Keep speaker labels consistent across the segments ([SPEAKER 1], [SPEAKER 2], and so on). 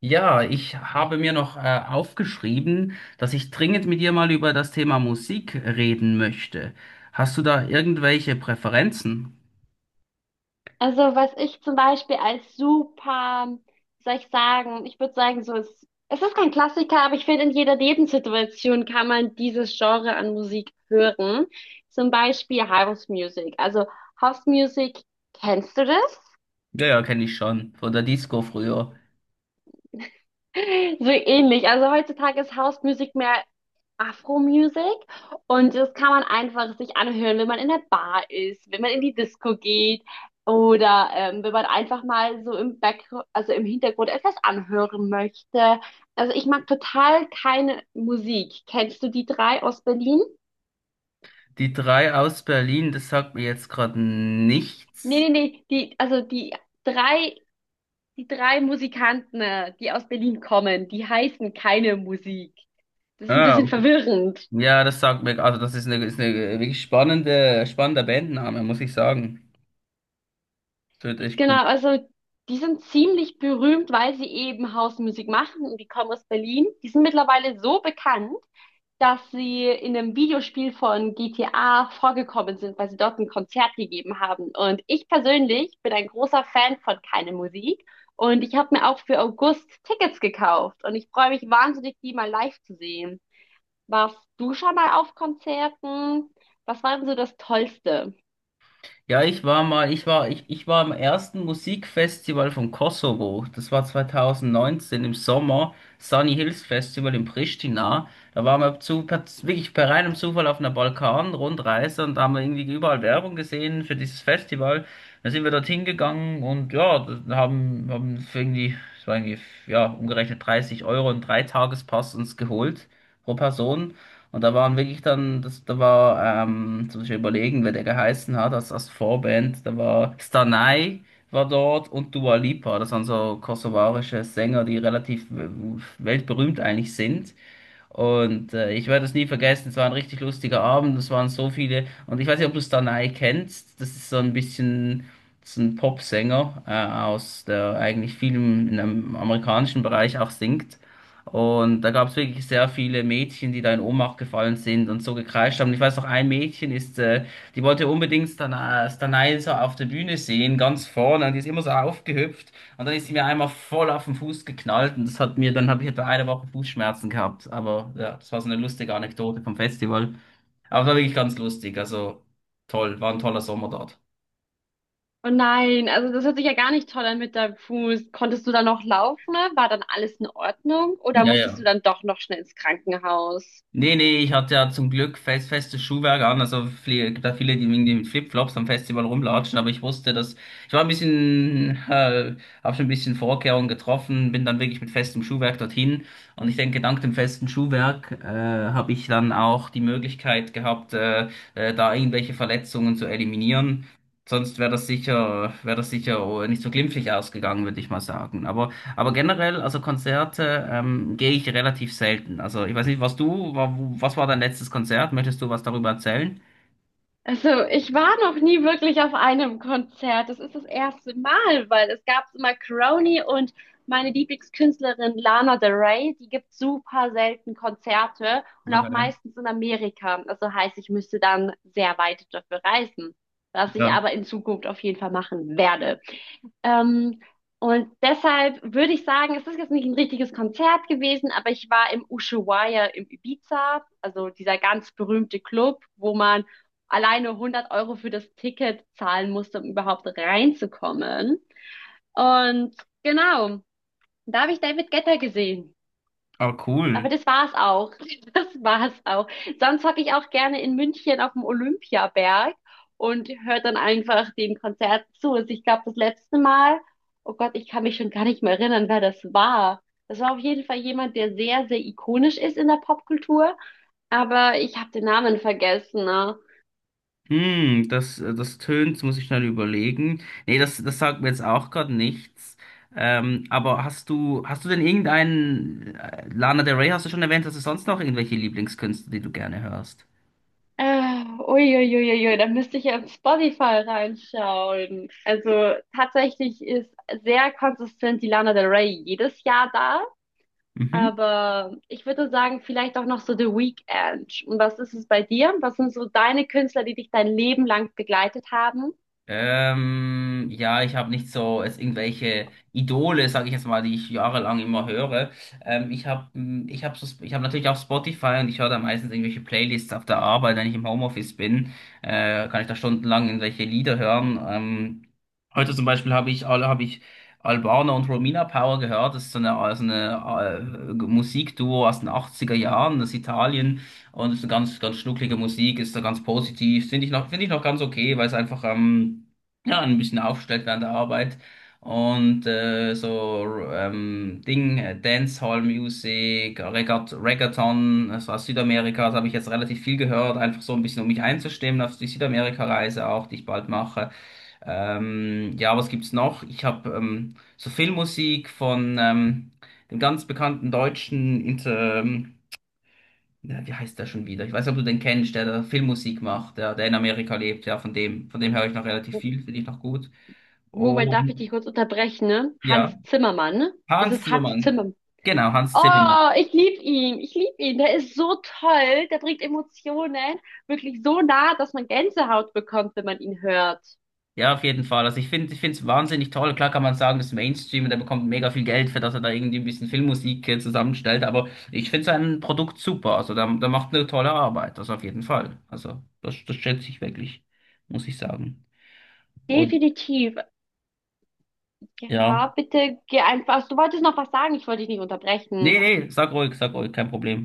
[SPEAKER 1] Ja, ich habe mir noch aufgeschrieben, dass ich dringend mit dir mal über das Thema Musik reden möchte. Hast du da irgendwelche Präferenzen?
[SPEAKER 2] Also was ich zum Beispiel als super, wie soll ich sagen, ich würde sagen, so es ist kein Klassiker, aber ich finde, in jeder Lebenssituation kann man dieses Genre an Musik hören. Zum Beispiel House Music. Also House Music, kennst du das?
[SPEAKER 1] Ja, ja, kenne ich schon, von der Disco früher.
[SPEAKER 2] So ähnlich. Also heutzutage ist House Music mehr Afro Music und das kann man einfach sich anhören, wenn man in der Bar ist, wenn man in die Disco geht oder wenn man einfach mal so im Back, also im Hintergrund etwas anhören möchte. Also ich mag total keine Musik. Kennst du die drei aus Berlin?
[SPEAKER 1] Die drei aus Berlin, das sagt mir jetzt gerade nichts.
[SPEAKER 2] Nee, nee, nee, die, also drei, die drei Musikanten, die aus Berlin kommen, die heißen keine Musik. Das ist ein
[SPEAKER 1] Ah,
[SPEAKER 2] bisschen
[SPEAKER 1] okay.
[SPEAKER 2] verwirrend.
[SPEAKER 1] Ja, das sagt mir, also das ist eine wirklich spannender Bandname, muss ich sagen. Das wird echt cool.
[SPEAKER 2] Genau, also die sind ziemlich berühmt, weil sie eben Hausmusik machen und die kommen aus Berlin. Die sind mittlerweile so bekannt, dass sie in einem Videospiel von GTA vorgekommen sind, weil sie dort ein Konzert gegeben haben. Und ich persönlich bin ein großer Fan von Keine Musik und ich habe mir auch für August Tickets gekauft und ich freue mich wahnsinnig, die mal live zu sehen. Warst du schon mal auf Konzerten? Was war denn so das Tollste?
[SPEAKER 1] Ja, ich war mal, ich war, ich war am ersten Musikfestival vom Kosovo. Das war 2019 im Sommer, Sunny Hills Festival in Pristina. Da waren wir wirklich per reinem Zufall auf einer Balkan-Rundreise und da haben wir irgendwie überall Werbung gesehen für dieses Festival. Dann sind wir dorthin gegangen und ja, da haben für irgendwie, ja, umgerechnet 30€ und Dreitagespass uns geholt pro Person. Und da waren wirklich dann, das, da war, jetzt muss überlegen, wer der geheißen hat, als Vorband, da war Stanai war dort und Dua Lipa, das waren so kosovarische Sänger, die relativ weltberühmt eigentlich sind. Und ich werde es nie vergessen, es war ein richtig lustiger Abend, es waren so viele. Und ich weiß nicht, ob du Stanai kennst, das ist so ein bisschen so ein Popsänger aus, der eigentlich viel in einem amerikanischen Bereich auch singt. Und da gab es wirklich sehr viele Mädchen, die da in Ohnmacht gefallen sind und so gekreischt haben. Ich weiß noch, ein Mädchen ist, die wollte unbedingt Stanai so auf der Bühne sehen, ganz vorne, und die ist immer so aufgehüpft. Und dann ist sie mir einmal voll auf den Fuß geknallt und dann habe ich etwa eine Woche Fußschmerzen gehabt. Aber ja, das war so eine lustige Anekdote vom Festival. Aber war wirklich ganz lustig. Also toll, war ein toller Sommer dort.
[SPEAKER 2] Oh nein, also das hört sich ja gar nicht toll an mit deinem Fuß. Konntest du dann noch laufen, ne? War dann alles in Ordnung? Oder
[SPEAKER 1] Ja,
[SPEAKER 2] musstest du
[SPEAKER 1] ja.
[SPEAKER 2] dann doch noch schnell ins Krankenhaus?
[SPEAKER 1] Nee, nee, ich hatte ja zum Glück festes Schuhwerk an. Also gibt da viele, die irgendwie mit Flipflops am Festival rumlatschen, aber ich wusste, dass ich war ein bisschen, habe schon ein bisschen Vorkehrungen getroffen, bin dann wirklich mit festem Schuhwerk dorthin. Und ich denke, dank dem festen Schuhwerk habe ich dann auch die Möglichkeit gehabt, da irgendwelche Verletzungen zu eliminieren. Sonst wäre wäre das sicher nicht so glimpflich ausgegangen, würde ich mal sagen. Aber generell, also Konzerte gehe ich relativ selten. Also ich weiß nicht, was war dein letztes Konzert? Möchtest du was darüber erzählen?
[SPEAKER 2] Also ich war noch nie wirklich auf einem Konzert. Das ist das erste Mal, weil es gab immer Crony und meine Lieblingskünstlerin Lana Del Rey, die gibt super selten Konzerte und auch
[SPEAKER 1] Okay.
[SPEAKER 2] meistens in Amerika. Also heißt, ich müsste dann sehr weit dafür reisen, was ich
[SPEAKER 1] Ja.
[SPEAKER 2] aber in Zukunft auf jeden Fall machen werde. Ähm, und deshalb würde ich sagen, es ist jetzt nicht ein richtiges Konzert gewesen, aber ich war im Ushuaia im Ibiza, also dieser ganz berühmte Club, wo man alleine 100 € für das Ticket zahlen musste, um überhaupt reinzukommen. Und genau, da habe ich David Guetta gesehen.
[SPEAKER 1] Ah,
[SPEAKER 2] Aber
[SPEAKER 1] cool.
[SPEAKER 2] das war's auch. Das war's auch. Sonst hocke ich auch gerne in München auf dem Olympiaberg und höre dann einfach den Konzert zu. Also ich glaube, das letzte Mal, oh Gott, ich kann mich schon gar nicht mehr erinnern, wer das war. Das war auf jeden Fall jemand, der sehr, sehr ikonisch ist in der Popkultur, aber ich habe den Namen vergessen. Ne?
[SPEAKER 1] Hm, das tönt, muss ich schnell überlegen. Nee, das sagt mir jetzt auch gerade nichts. Aber hast du denn irgendeinen, Lana Del Rey hast du schon erwähnt, hast du sonst noch irgendwelche Lieblingskünstler, die du gerne hörst?
[SPEAKER 2] Uiuiuiui, da müsste ich ja auf Spotify reinschauen. Also tatsächlich ist sehr konsistent die Lana Del Rey jedes Jahr da.
[SPEAKER 1] Mhm.
[SPEAKER 2] Aber ich würde sagen, vielleicht auch noch so The Weeknd. Und was ist es bei dir? Was sind so deine Künstler, die dich dein Leben lang begleitet haben?
[SPEAKER 1] Ja, ich habe nicht so es irgendwelche Idole, sage ich jetzt mal, die ich jahrelang immer höre. Ähm, ich habe ich hab natürlich auch Spotify und ich höre da meistens irgendwelche Playlists auf der Arbeit, wenn ich im Homeoffice bin, kann ich da stundenlang irgendwelche Lieder hören. Heute zum Beispiel hab ich Albaner und Romina Power gehört. Das ist so eine Musikduo aus den 80er Jahren aus Italien. Und es ist eine ganz schnucklige Musik, ist da ganz positiv. Finde ich noch ganz okay, weil es einfach ja, ein bisschen aufstellt während der Arbeit. Und Dancehall-Musik, Reggaeton, das war Südamerika, das habe ich jetzt relativ viel gehört, einfach so ein bisschen, um mich einzustimmen auf die Südamerika-Reise auch, die ich bald mache. Ja, was gibt's noch? Ich habe so Filmmusik von dem ganz bekannten deutschen Inter na, wie heißt der schon wieder? Ich weiß nicht, ob du den kennst, der da Filmmusik macht, der in Amerika lebt, ja, von dem höre ich noch relativ viel, finde ich noch gut.
[SPEAKER 2] Moment, darf ich
[SPEAKER 1] Und
[SPEAKER 2] dich kurz unterbrechen, ne?
[SPEAKER 1] ja,
[SPEAKER 2] Hans Zimmermann. Ist
[SPEAKER 1] Hans
[SPEAKER 2] es Hans
[SPEAKER 1] Zimmermann.
[SPEAKER 2] Zimmermann?
[SPEAKER 1] Genau, Hans Zimmermann.
[SPEAKER 2] Oh, ich liebe ihn. Ich liebe ihn. Der ist so toll. Der bringt Emotionen wirklich so nah, dass man Gänsehaut bekommt, wenn man ihn hört.
[SPEAKER 1] Ja, auf jeden Fall. Also ich finde es wahnsinnig toll. Klar kann man sagen, das ist Mainstream und er bekommt mega viel Geld für, dass er da irgendwie ein bisschen Filmmusik zusammenstellt, aber ich finde sein Produkt super. Also da macht eine tolle Arbeit, das auf jeden Fall. Also das schätze ich wirklich, muss ich sagen. Und
[SPEAKER 2] Definitiv.
[SPEAKER 1] ja.
[SPEAKER 2] Ja, bitte geh einfach. Du wolltest noch was sagen. Ich wollte dich nicht
[SPEAKER 1] Nee,
[SPEAKER 2] unterbrechen.
[SPEAKER 1] nee, sag ruhig, kein Problem.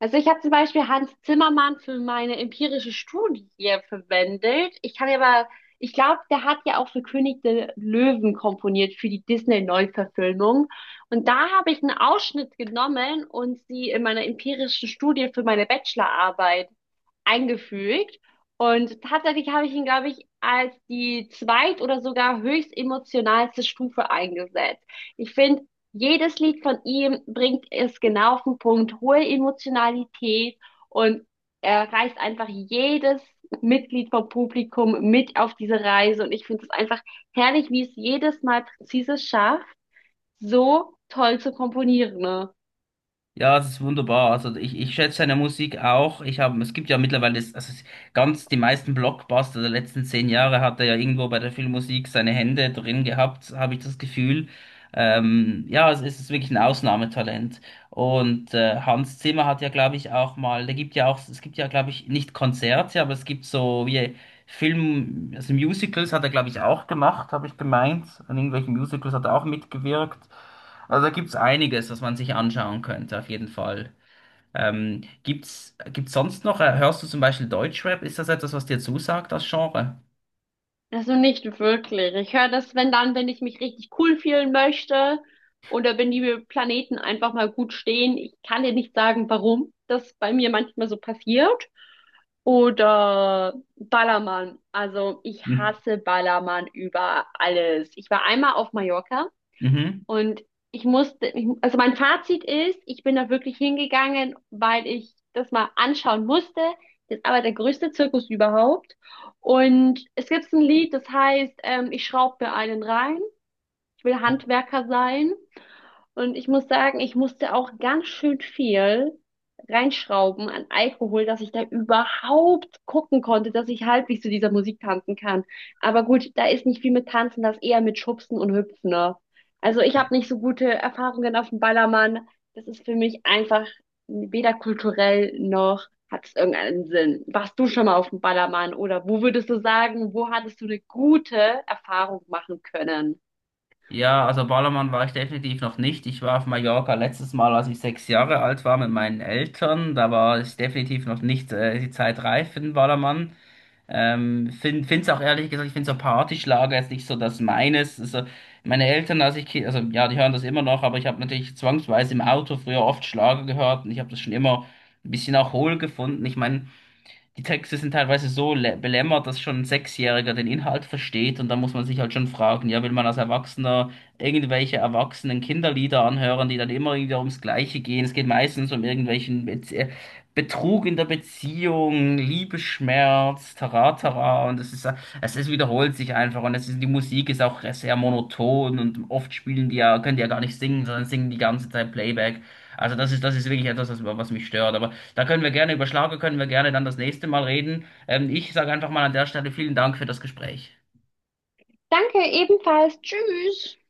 [SPEAKER 2] Also ich habe zum Beispiel Hans Zimmermann für meine empirische Studie verwendet. Ich kann aber, ich glaube, der hat ja auch für König der Löwen komponiert, für die Disney-Neuverfilmung. Und da habe ich einen Ausschnitt genommen und sie in meiner empirischen Studie für meine Bachelorarbeit eingefügt. Und tatsächlich habe ich ihn, glaube ich, als die zweit- oder sogar höchst emotionalste Stufe eingesetzt. Ich finde, jedes Lied von ihm bringt es genau auf den Punkt, hohe Emotionalität und er reißt einfach jedes Mitglied vom Publikum mit auf diese Reise. Und ich finde es einfach herrlich, wie es jedes Mal präzise schafft, so toll zu komponieren. Ne?
[SPEAKER 1] Ja, das ist wunderbar. Also ich schätze seine Musik auch. Ich habe, es gibt ja mittlerweile, ganz die meisten Blockbuster der letzten 10 Jahre hat er ja irgendwo bei der Filmmusik seine Hände drin gehabt, habe ich das Gefühl. Ja, es ist wirklich ein Ausnahmetalent. Und Hans Zimmer hat ja, glaube ich, auch mal, da gibt ja auch, es gibt ja, glaube ich, nicht Konzerte, aber es gibt so wie Film, also Musicals hat er, glaube ich, auch gemacht, habe ich gemeint. An irgendwelchen Musicals hat er auch mitgewirkt. Also da gibt's einiges, was man sich anschauen könnte, auf jeden Fall. Gibt's sonst noch, hörst du zum Beispiel Deutschrap? Ist das etwas, was dir zusagt, das Genre?
[SPEAKER 2] Also nicht wirklich. Ich höre das, wenn dann, wenn ich mich richtig cool fühlen möchte oder wenn die Planeten einfach mal gut stehen. Ich kann dir nicht sagen, warum das bei mir manchmal so passiert. Oder Ballermann. Also ich
[SPEAKER 1] Mhm.
[SPEAKER 2] hasse Ballermann über alles. Ich war einmal auf Mallorca
[SPEAKER 1] Mhm.
[SPEAKER 2] und ich musste, ich, also mein Fazit ist, ich bin da wirklich hingegangen, weil ich das mal anschauen musste. Das ist aber der größte Zirkus überhaupt. Und es gibt ein Lied, das heißt, ich schraub mir einen rein. Ich will Handwerker sein. Und ich muss sagen, ich musste auch ganz schön viel reinschrauben an Alkohol, dass ich da überhaupt gucken konnte, dass ich halbwegs zu dieser Musik tanzen kann. Aber gut, da ist nicht viel mit Tanzen, das eher mit Schubsen und Hüpfen. Ne? Also ich habe nicht so gute Erfahrungen auf dem Ballermann. Das ist für mich einfach weder kulturell noch hat es irgendeinen Sinn. Warst du schon mal auf dem Ballermann oder wo würdest du sagen, wo hattest du eine gute Erfahrung machen können?
[SPEAKER 1] Ja, also Ballermann war ich definitiv noch nicht. Ich war auf Mallorca letztes Mal, als ich 6 Jahre alt war, mit meinen Eltern. Da war ich definitiv noch nicht, die Zeit reif für den Ballermann. Find's auch ehrlich gesagt, ich finde so Partyschlager jetzt nicht so das meines. Also meine Eltern, als ich, Ki- also ja, die hören das immer noch, aber ich habe natürlich zwangsweise im Auto früher oft Schlager gehört und ich habe das schon immer ein bisschen auch hohl gefunden. Ich meine, die Texte sind teilweise so belämmert, dass schon ein Sechsjähriger den Inhalt versteht und da muss man sich halt schon fragen, ja, will man als Erwachsener irgendwelche erwachsenen Kinderlieder anhören, die dann immer wieder ums Gleiche gehen? Es geht meistens um irgendwelchen Bez Betrug in der Beziehung, Liebesschmerz, Taratara und es ist wiederholt sich einfach und es ist, die Musik ist auch sehr monoton und oft spielen die ja, können die ja gar nicht singen, sondern singen die ganze Zeit Playback. Also das ist wirklich etwas, was mich stört. Aber da können wir gerne über Schlager, können wir gerne dann das nächste Mal reden. Ich sage einfach mal an der Stelle vielen Dank für das Gespräch.
[SPEAKER 2] Danke, ebenfalls. Tschüss.